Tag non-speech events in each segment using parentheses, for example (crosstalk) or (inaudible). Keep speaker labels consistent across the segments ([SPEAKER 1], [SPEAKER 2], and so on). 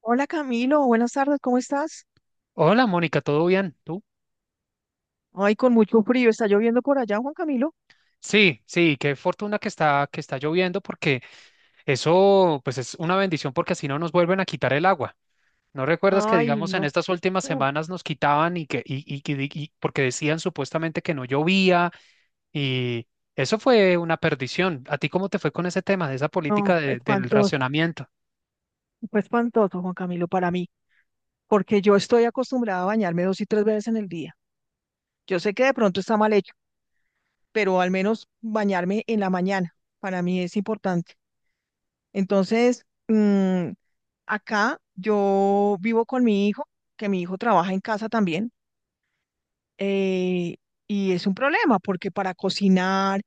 [SPEAKER 1] Hola Camilo, buenas tardes, ¿cómo estás?
[SPEAKER 2] Hola, Mónica, ¿todo bien? ¿Tú?
[SPEAKER 1] Ay, con mucho frío, ¿está lloviendo por allá, Juan Camilo?
[SPEAKER 2] Sí, sí, qué fortuna que está lloviendo porque eso pues es una bendición porque así no nos vuelven a quitar el agua. ¿No recuerdas que
[SPEAKER 1] Ay,
[SPEAKER 2] digamos en
[SPEAKER 1] no,
[SPEAKER 2] estas últimas
[SPEAKER 1] mm,
[SPEAKER 2] semanas nos quitaban y porque decían supuestamente que no llovía y eso fue una perdición. ¿A ti cómo te fue con ese tema de esa política
[SPEAKER 1] no,
[SPEAKER 2] de- del
[SPEAKER 1] espantoso,
[SPEAKER 2] racionamiento?
[SPEAKER 1] fue espantoso, Juan Camilo, para mí, porque yo estoy acostumbrada a bañarme dos y tres veces en el día. Yo sé que de pronto está mal hecho, pero al menos bañarme en la mañana, para mí es importante. Entonces, acá yo vivo con mi hijo, que mi hijo trabaja en casa también. eh, y es un problema porque para cocinar,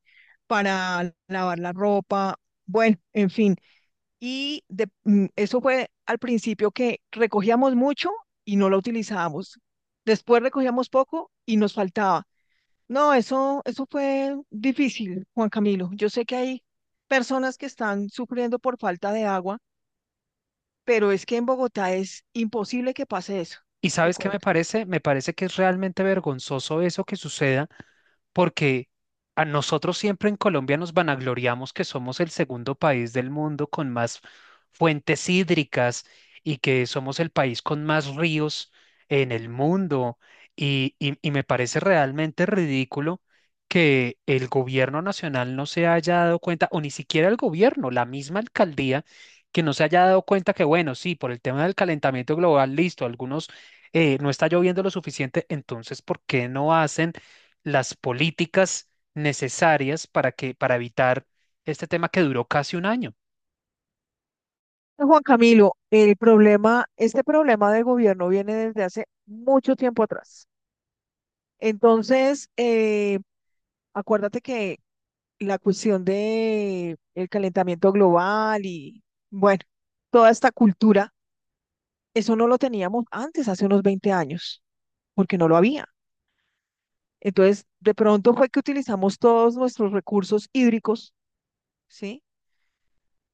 [SPEAKER 1] para lavar la ropa, bueno, en fin. Eso fue al principio que recogíamos mucho y no lo utilizábamos. Después recogíamos poco y nos faltaba. No, eso fue difícil, Juan Camilo. Yo sé que hay personas que están sufriendo por falta de agua, pero es que en Bogotá es imposible que pase eso.
[SPEAKER 2] ¿Y
[SPEAKER 1] Te
[SPEAKER 2] sabes qué me
[SPEAKER 1] cuento.
[SPEAKER 2] parece? Me parece que es realmente vergonzoso eso que suceda porque a nosotros siempre en Colombia nos vanagloriamos que somos el segundo país del mundo con más fuentes hídricas y que somos el país con más ríos en el mundo. Y me parece realmente ridículo que el gobierno nacional no se haya dado cuenta, o ni siquiera el gobierno, la misma alcaldía, que no se haya dado cuenta que, bueno, sí, por el tema del calentamiento global, listo, algunos no está lloviendo lo suficiente, entonces, ¿por qué no hacen las políticas necesarias para para evitar este tema que duró casi un año?
[SPEAKER 1] Juan Camilo, este problema de gobierno viene desde hace mucho tiempo atrás. Entonces, acuérdate que la cuestión de el calentamiento global y, bueno, toda esta cultura, eso no lo teníamos antes, hace unos 20 años, porque no lo había. Entonces, de pronto fue que utilizamos todos nuestros recursos hídricos, ¿sí?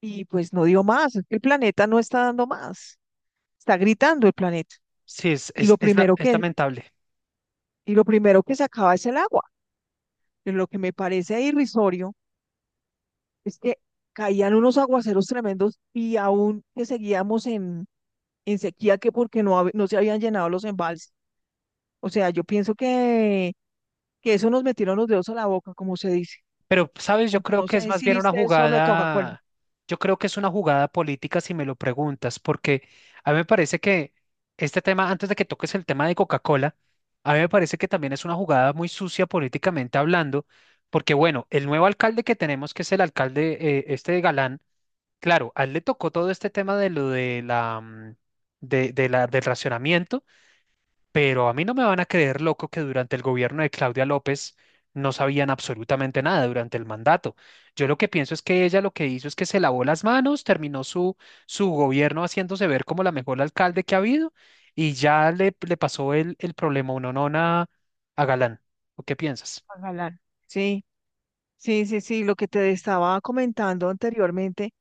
[SPEAKER 1] Y pues no dio más, es que el planeta no está dando más, está gritando el planeta.
[SPEAKER 2] Sí,
[SPEAKER 1] Y lo primero
[SPEAKER 2] es
[SPEAKER 1] que
[SPEAKER 2] lamentable.
[SPEAKER 1] y lo primero que sacaba es el agua. Y lo que me parece irrisorio es que caían unos aguaceros tremendos y aún que seguíamos en sequía que porque no se habían llenado los embalses. O sea, que eso nos metieron los dedos a la boca, como se dice,
[SPEAKER 2] Pero, ¿sabes? Yo
[SPEAKER 1] porque
[SPEAKER 2] creo
[SPEAKER 1] no
[SPEAKER 2] que es
[SPEAKER 1] sé
[SPEAKER 2] más
[SPEAKER 1] si
[SPEAKER 2] bien una
[SPEAKER 1] viste eso lo de Coca-Cola.
[SPEAKER 2] jugada, yo creo que es una jugada política si me lo preguntas, porque a mí me parece que este tema, antes de que toques el tema de Coca-Cola, a mí me parece que también es una jugada muy sucia políticamente hablando, porque bueno, el nuevo alcalde que tenemos, que es el alcalde, este, de Galán. Claro, a él le tocó todo este tema de lo de la del racionamiento, pero a mí no me van a creer loco que durante el gobierno de Claudia López no sabían absolutamente nada durante el mandato. Yo lo que pienso es que ella lo que hizo es que se lavó las manos, terminó su gobierno haciéndose ver como la mejor alcalde que ha habido y ya le pasó el problema unonona a Galán. ¿O qué piensas?
[SPEAKER 1] Galán. Sí, sí, sí, sí, lo que te estaba comentando anteriormente,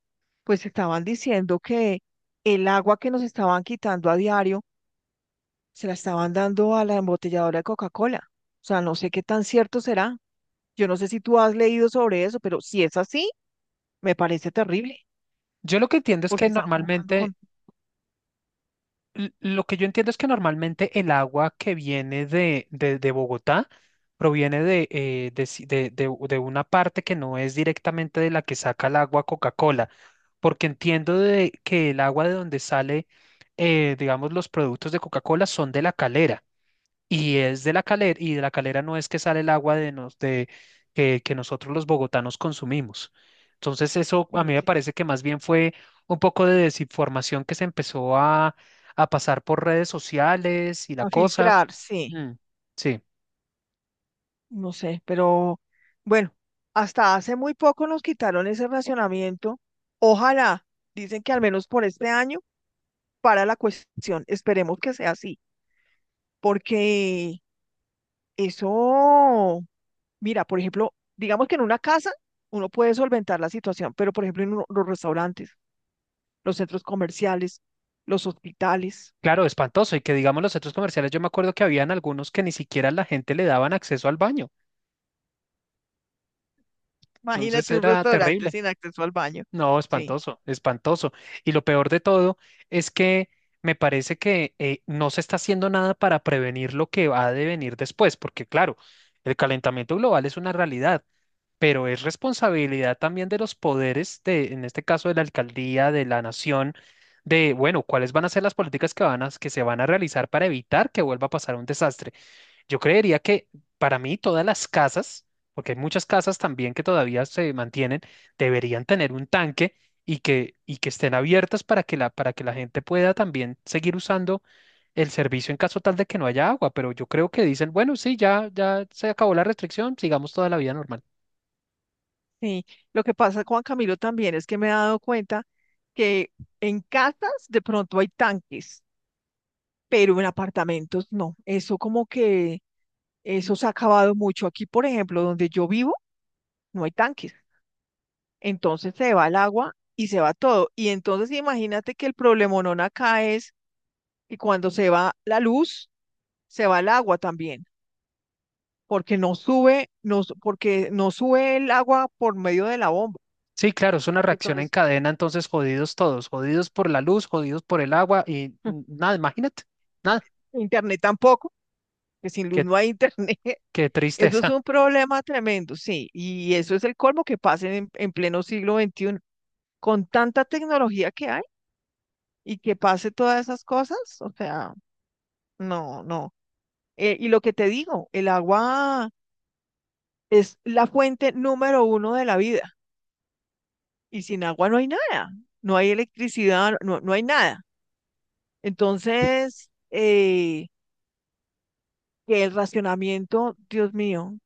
[SPEAKER 1] pues estaban diciendo que el agua que nos estaban quitando a diario se la estaban dando a la embotelladora de Coca-Cola. O sea, no sé qué tan cierto será. Yo no sé si tú has leído sobre eso, pero si es así, me parece terrible,
[SPEAKER 2] Yo lo que entiendo es que
[SPEAKER 1] porque están jugando
[SPEAKER 2] normalmente
[SPEAKER 1] con
[SPEAKER 2] l- Lo que yo entiendo es que normalmente el agua que viene de Bogotá proviene de si- de u- de una parte que no es directamente de la que saca el agua Coca-Cola, porque entiendo de que el agua de donde sale, digamos, los productos de Coca-Cola, son de La Calera. Y es de La Calera, y de La Calera no es que sale el agua de nos, de, que nosotros los bogotanos consumimos. Entonces, eso a mí me
[SPEAKER 1] experiencias.
[SPEAKER 2] parece que más bien fue un poco de desinformación que a pasar por redes sociales y la
[SPEAKER 1] A
[SPEAKER 2] cosa.
[SPEAKER 1] filtrar, sí,
[SPEAKER 2] Mm, sí,
[SPEAKER 1] no sé, pero bueno, hasta hace muy poco nos quitaron ese racionamiento. Ojalá, dicen que al menos por este año, para la cuestión, esperemos que sea así, porque eso, mira, por ejemplo, digamos que en una casa uno puede solventar la situación, pero por ejemplo en los restaurantes, los centros comerciales, los hospitales.
[SPEAKER 2] claro, espantoso. Y que digamos los centros comerciales, yo me acuerdo que habían algunos que ni siquiera la gente le daban acceso al baño. Entonces
[SPEAKER 1] Imagínate un
[SPEAKER 2] era
[SPEAKER 1] restaurante
[SPEAKER 2] terrible.
[SPEAKER 1] sin acceso al baño.
[SPEAKER 2] No,
[SPEAKER 1] Sí,
[SPEAKER 2] espantoso, espantoso. Y lo peor de todo es que me parece que no se está haciendo nada para prevenir lo que va a devenir después, porque claro, el calentamiento global es una realidad, pero es responsabilidad también de los poderes, de, en este caso de la alcaldía, de la nación, de, bueno, cuáles van a ser las políticas que van a, que se van a realizar para evitar que vuelva a pasar un desastre. Yo creería que para mí todas las casas, porque hay muchas casas también que todavía se mantienen, deberían tener un tanque y y que estén abiertas para para que la gente pueda también seguir usando el servicio en caso tal de que no haya agua. Pero yo creo que dicen, bueno, sí, ya se acabó la restricción, sigamos toda la vida normal.
[SPEAKER 1] sí. Lo que pasa, Juan Camilo, también es que me he dado cuenta que en casas de pronto hay tanques, pero en apartamentos no. Eso como que eso se ha acabado mucho. Aquí, por ejemplo, donde yo vivo, no hay tanques. Entonces se va el agua y se va todo. Y entonces imagínate que el problemonón acá es que cuando se va la luz, se va el agua también, porque no sube, no, su- porque no sube el agua por medio de la bomba.
[SPEAKER 2] Sí, claro, es una reacción en
[SPEAKER 1] Entonces,
[SPEAKER 2] cadena, entonces jodidos todos, jodidos por la luz, jodidos por el agua y
[SPEAKER 1] (laughs)
[SPEAKER 2] nada, imagínate, nada,
[SPEAKER 1] internet tampoco, que sin luz
[SPEAKER 2] qué,
[SPEAKER 1] no hay internet. (laughs)
[SPEAKER 2] qué
[SPEAKER 1] Eso es
[SPEAKER 2] tristeza.
[SPEAKER 1] un problema tremendo, sí. Y eso es el colmo que pase en pleno siglo XXI, con tanta tecnología que hay y que pase todas esas cosas. O sea, no, no. Y lo que te digo, el agua es la fuente número 1 de la vida. Y sin agua no hay nada, no hay electricidad, no hay nada. Entonces, que el racionamiento, Dios mío,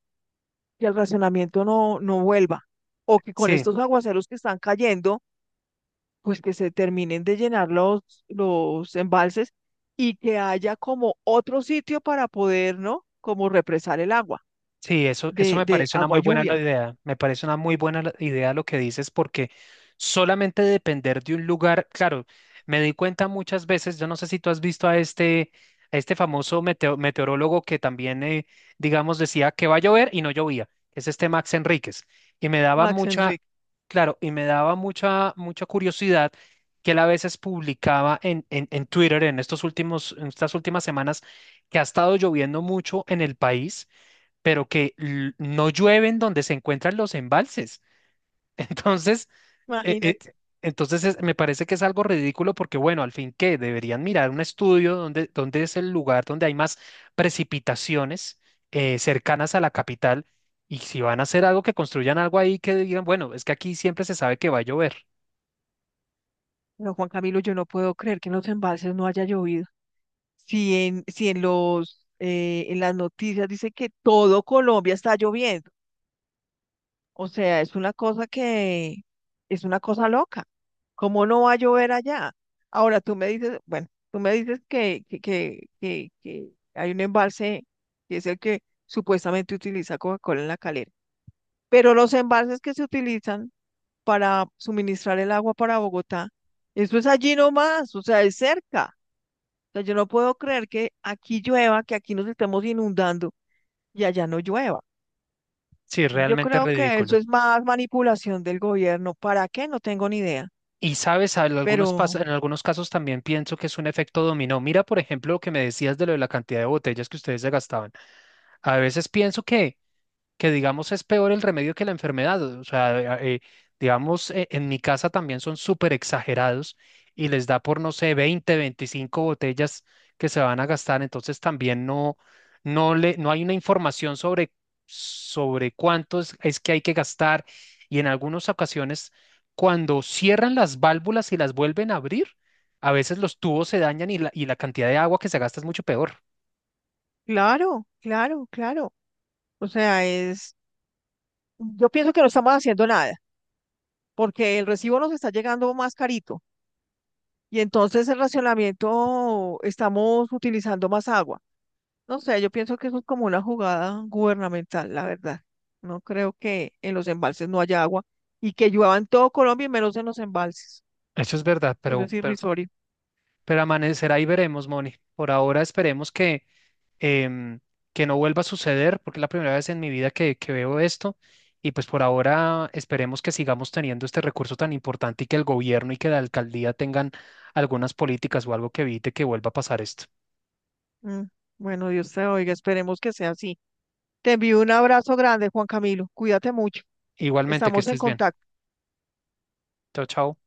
[SPEAKER 1] que el racionamiento no, no vuelva. O
[SPEAKER 2] (laughs)
[SPEAKER 1] que con
[SPEAKER 2] Sí.
[SPEAKER 1] estos aguaceros que están cayendo, pues que se terminen de llenar los embalses y que haya como otro sitio para poder, ¿no? Como represar el agua
[SPEAKER 2] Sí, eso me
[SPEAKER 1] de
[SPEAKER 2] parece una
[SPEAKER 1] agua
[SPEAKER 2] muy buena la
[SPEAKER 1] lluvia.
[SPEAKER 2] idea. Me parece una muy idea lo que dices, porque solamente depender de un lugar, claro, me di cuenta muchas veces, yo no sé si tú has visto a a este famoso meteorólogo que también, digamos, decía que va a llover y no llovía, es este Max Enríquez. Y me daba
[SPEAKER 1] Max
[SPEAKER 2] mucha,
[SPEAKER 1] Enrique,
[SPEAKER 2] claro, y me daba mucha, mucha curiosidad que él a veces publicaba en Twitter en estos últimos, en estas últimas semanas, que ha estado lloviendo mucho en el país pero que no llueven donde se encuentran los embalses. (laughs) Entonces, eh, eh,
[SPEAKER 1] imagínate.
[SPEAKER 2] me parece que es algo ridículo porque, bueno, al fin que deberían mirar un estudio donde, donde es el lugar donde hay más precipitaciones cercanas a la capital. Y si van a hacer algo, que construyan algo ahí que digan, bueno, es que aquí siempre se sabe que va a llover.
[SPEAKER 1] No, Juan Camilo, yo no puedo creer que en los embalses no haya llovido. Si en los, en las noticias dice que todo Colombia está lloviendo. O sea, es una cosa loca. ¿Cómo no va a llover allá? Ahora tú me dices, bueno, tú me dices que, que hay un embalse que es el que supuestamente utiliza Coca-Cola en la calera. Pero los embalses que se utilizan para suministrar el agua para Bogotá, eso es allí nomás, o sea, es cerca. Sea, yo no puedo creer que aquí llueva, que aquí nos estemos inundando y allá no llueva.
[SPEAKER 2] Sí,
[SPEAKER 1] Yo
[SPEAKER 2] realmente es
[SPEAKER 1] creo que eso
[SPEAKER 2] ridículo.
[SPEAKER 1] es más manipulación del gobierno. ¿Para qué? No tengo ni idea.
[SPEAKER 2] Y sabes, en
[SPEAKER 1] Pero
[SPEAKER 2] en algunos casos también pienso que es un efecto dominó. Mira, por ejemplo, lo que me decías de lo de la cantidad de botellas que ustedes se gastaban. A veces pienso que, digamos, es peor el remedio que la enfermedad. O sea, digamos, en mi casa también son súper exagerados y les da por, no sé, 20, 25 botellas que se van a gastar. Entonces también no hay una información sobre, sobre cuánto es que hay que gastar. Y en algunas ocasiones, cuando cierran las válvulas y las vuelven a abrir, a veces los tubos se dañan y la cantidad de agua que se gasta es mucho peor.
[SPEAKER 1] claro, claro, claro. O sea, es, yo pienso que no estamos haciendo nada, porque el recibo nos está llegando más carito y entonces el racionamiento estamos utilizando más agua. No sé, yo pienso que eso es como una jugada gubernamental, la verdad. No creo que en los embalses no haya agua y que llueva en todo Colombia y menos en los embalses.
[SPEAKER 2] Eso es verdad,
[SPEAKER 1] Eso es irrisorio.
[SPEAKER 2] pero amanecerá y veremos, Moni. Por ahora esperemos em, que no vuelva a suceder, porque es la primera vez en mi vida que veo esto. Y pues por ahora esperemos que sigamos teniendo este recurso tan importante y que el gobierno y que la alcaldía tengan algunas políticas o algo que evite que vuelva a pasar esto.
[SPEAKER 1] Mm, bueno, Dios te oiga, esperemos que sea así. Te envío un abrazo grande, Juan Camilo. Cuídate mucho.
[SPEAKER 2] Igualmente, que
[SPEAKER 1] Estamos en
[SPEAKER 2] estés bien.
[SPEAKER 1] contacto.
[SPEAKER 2] Chao, chao.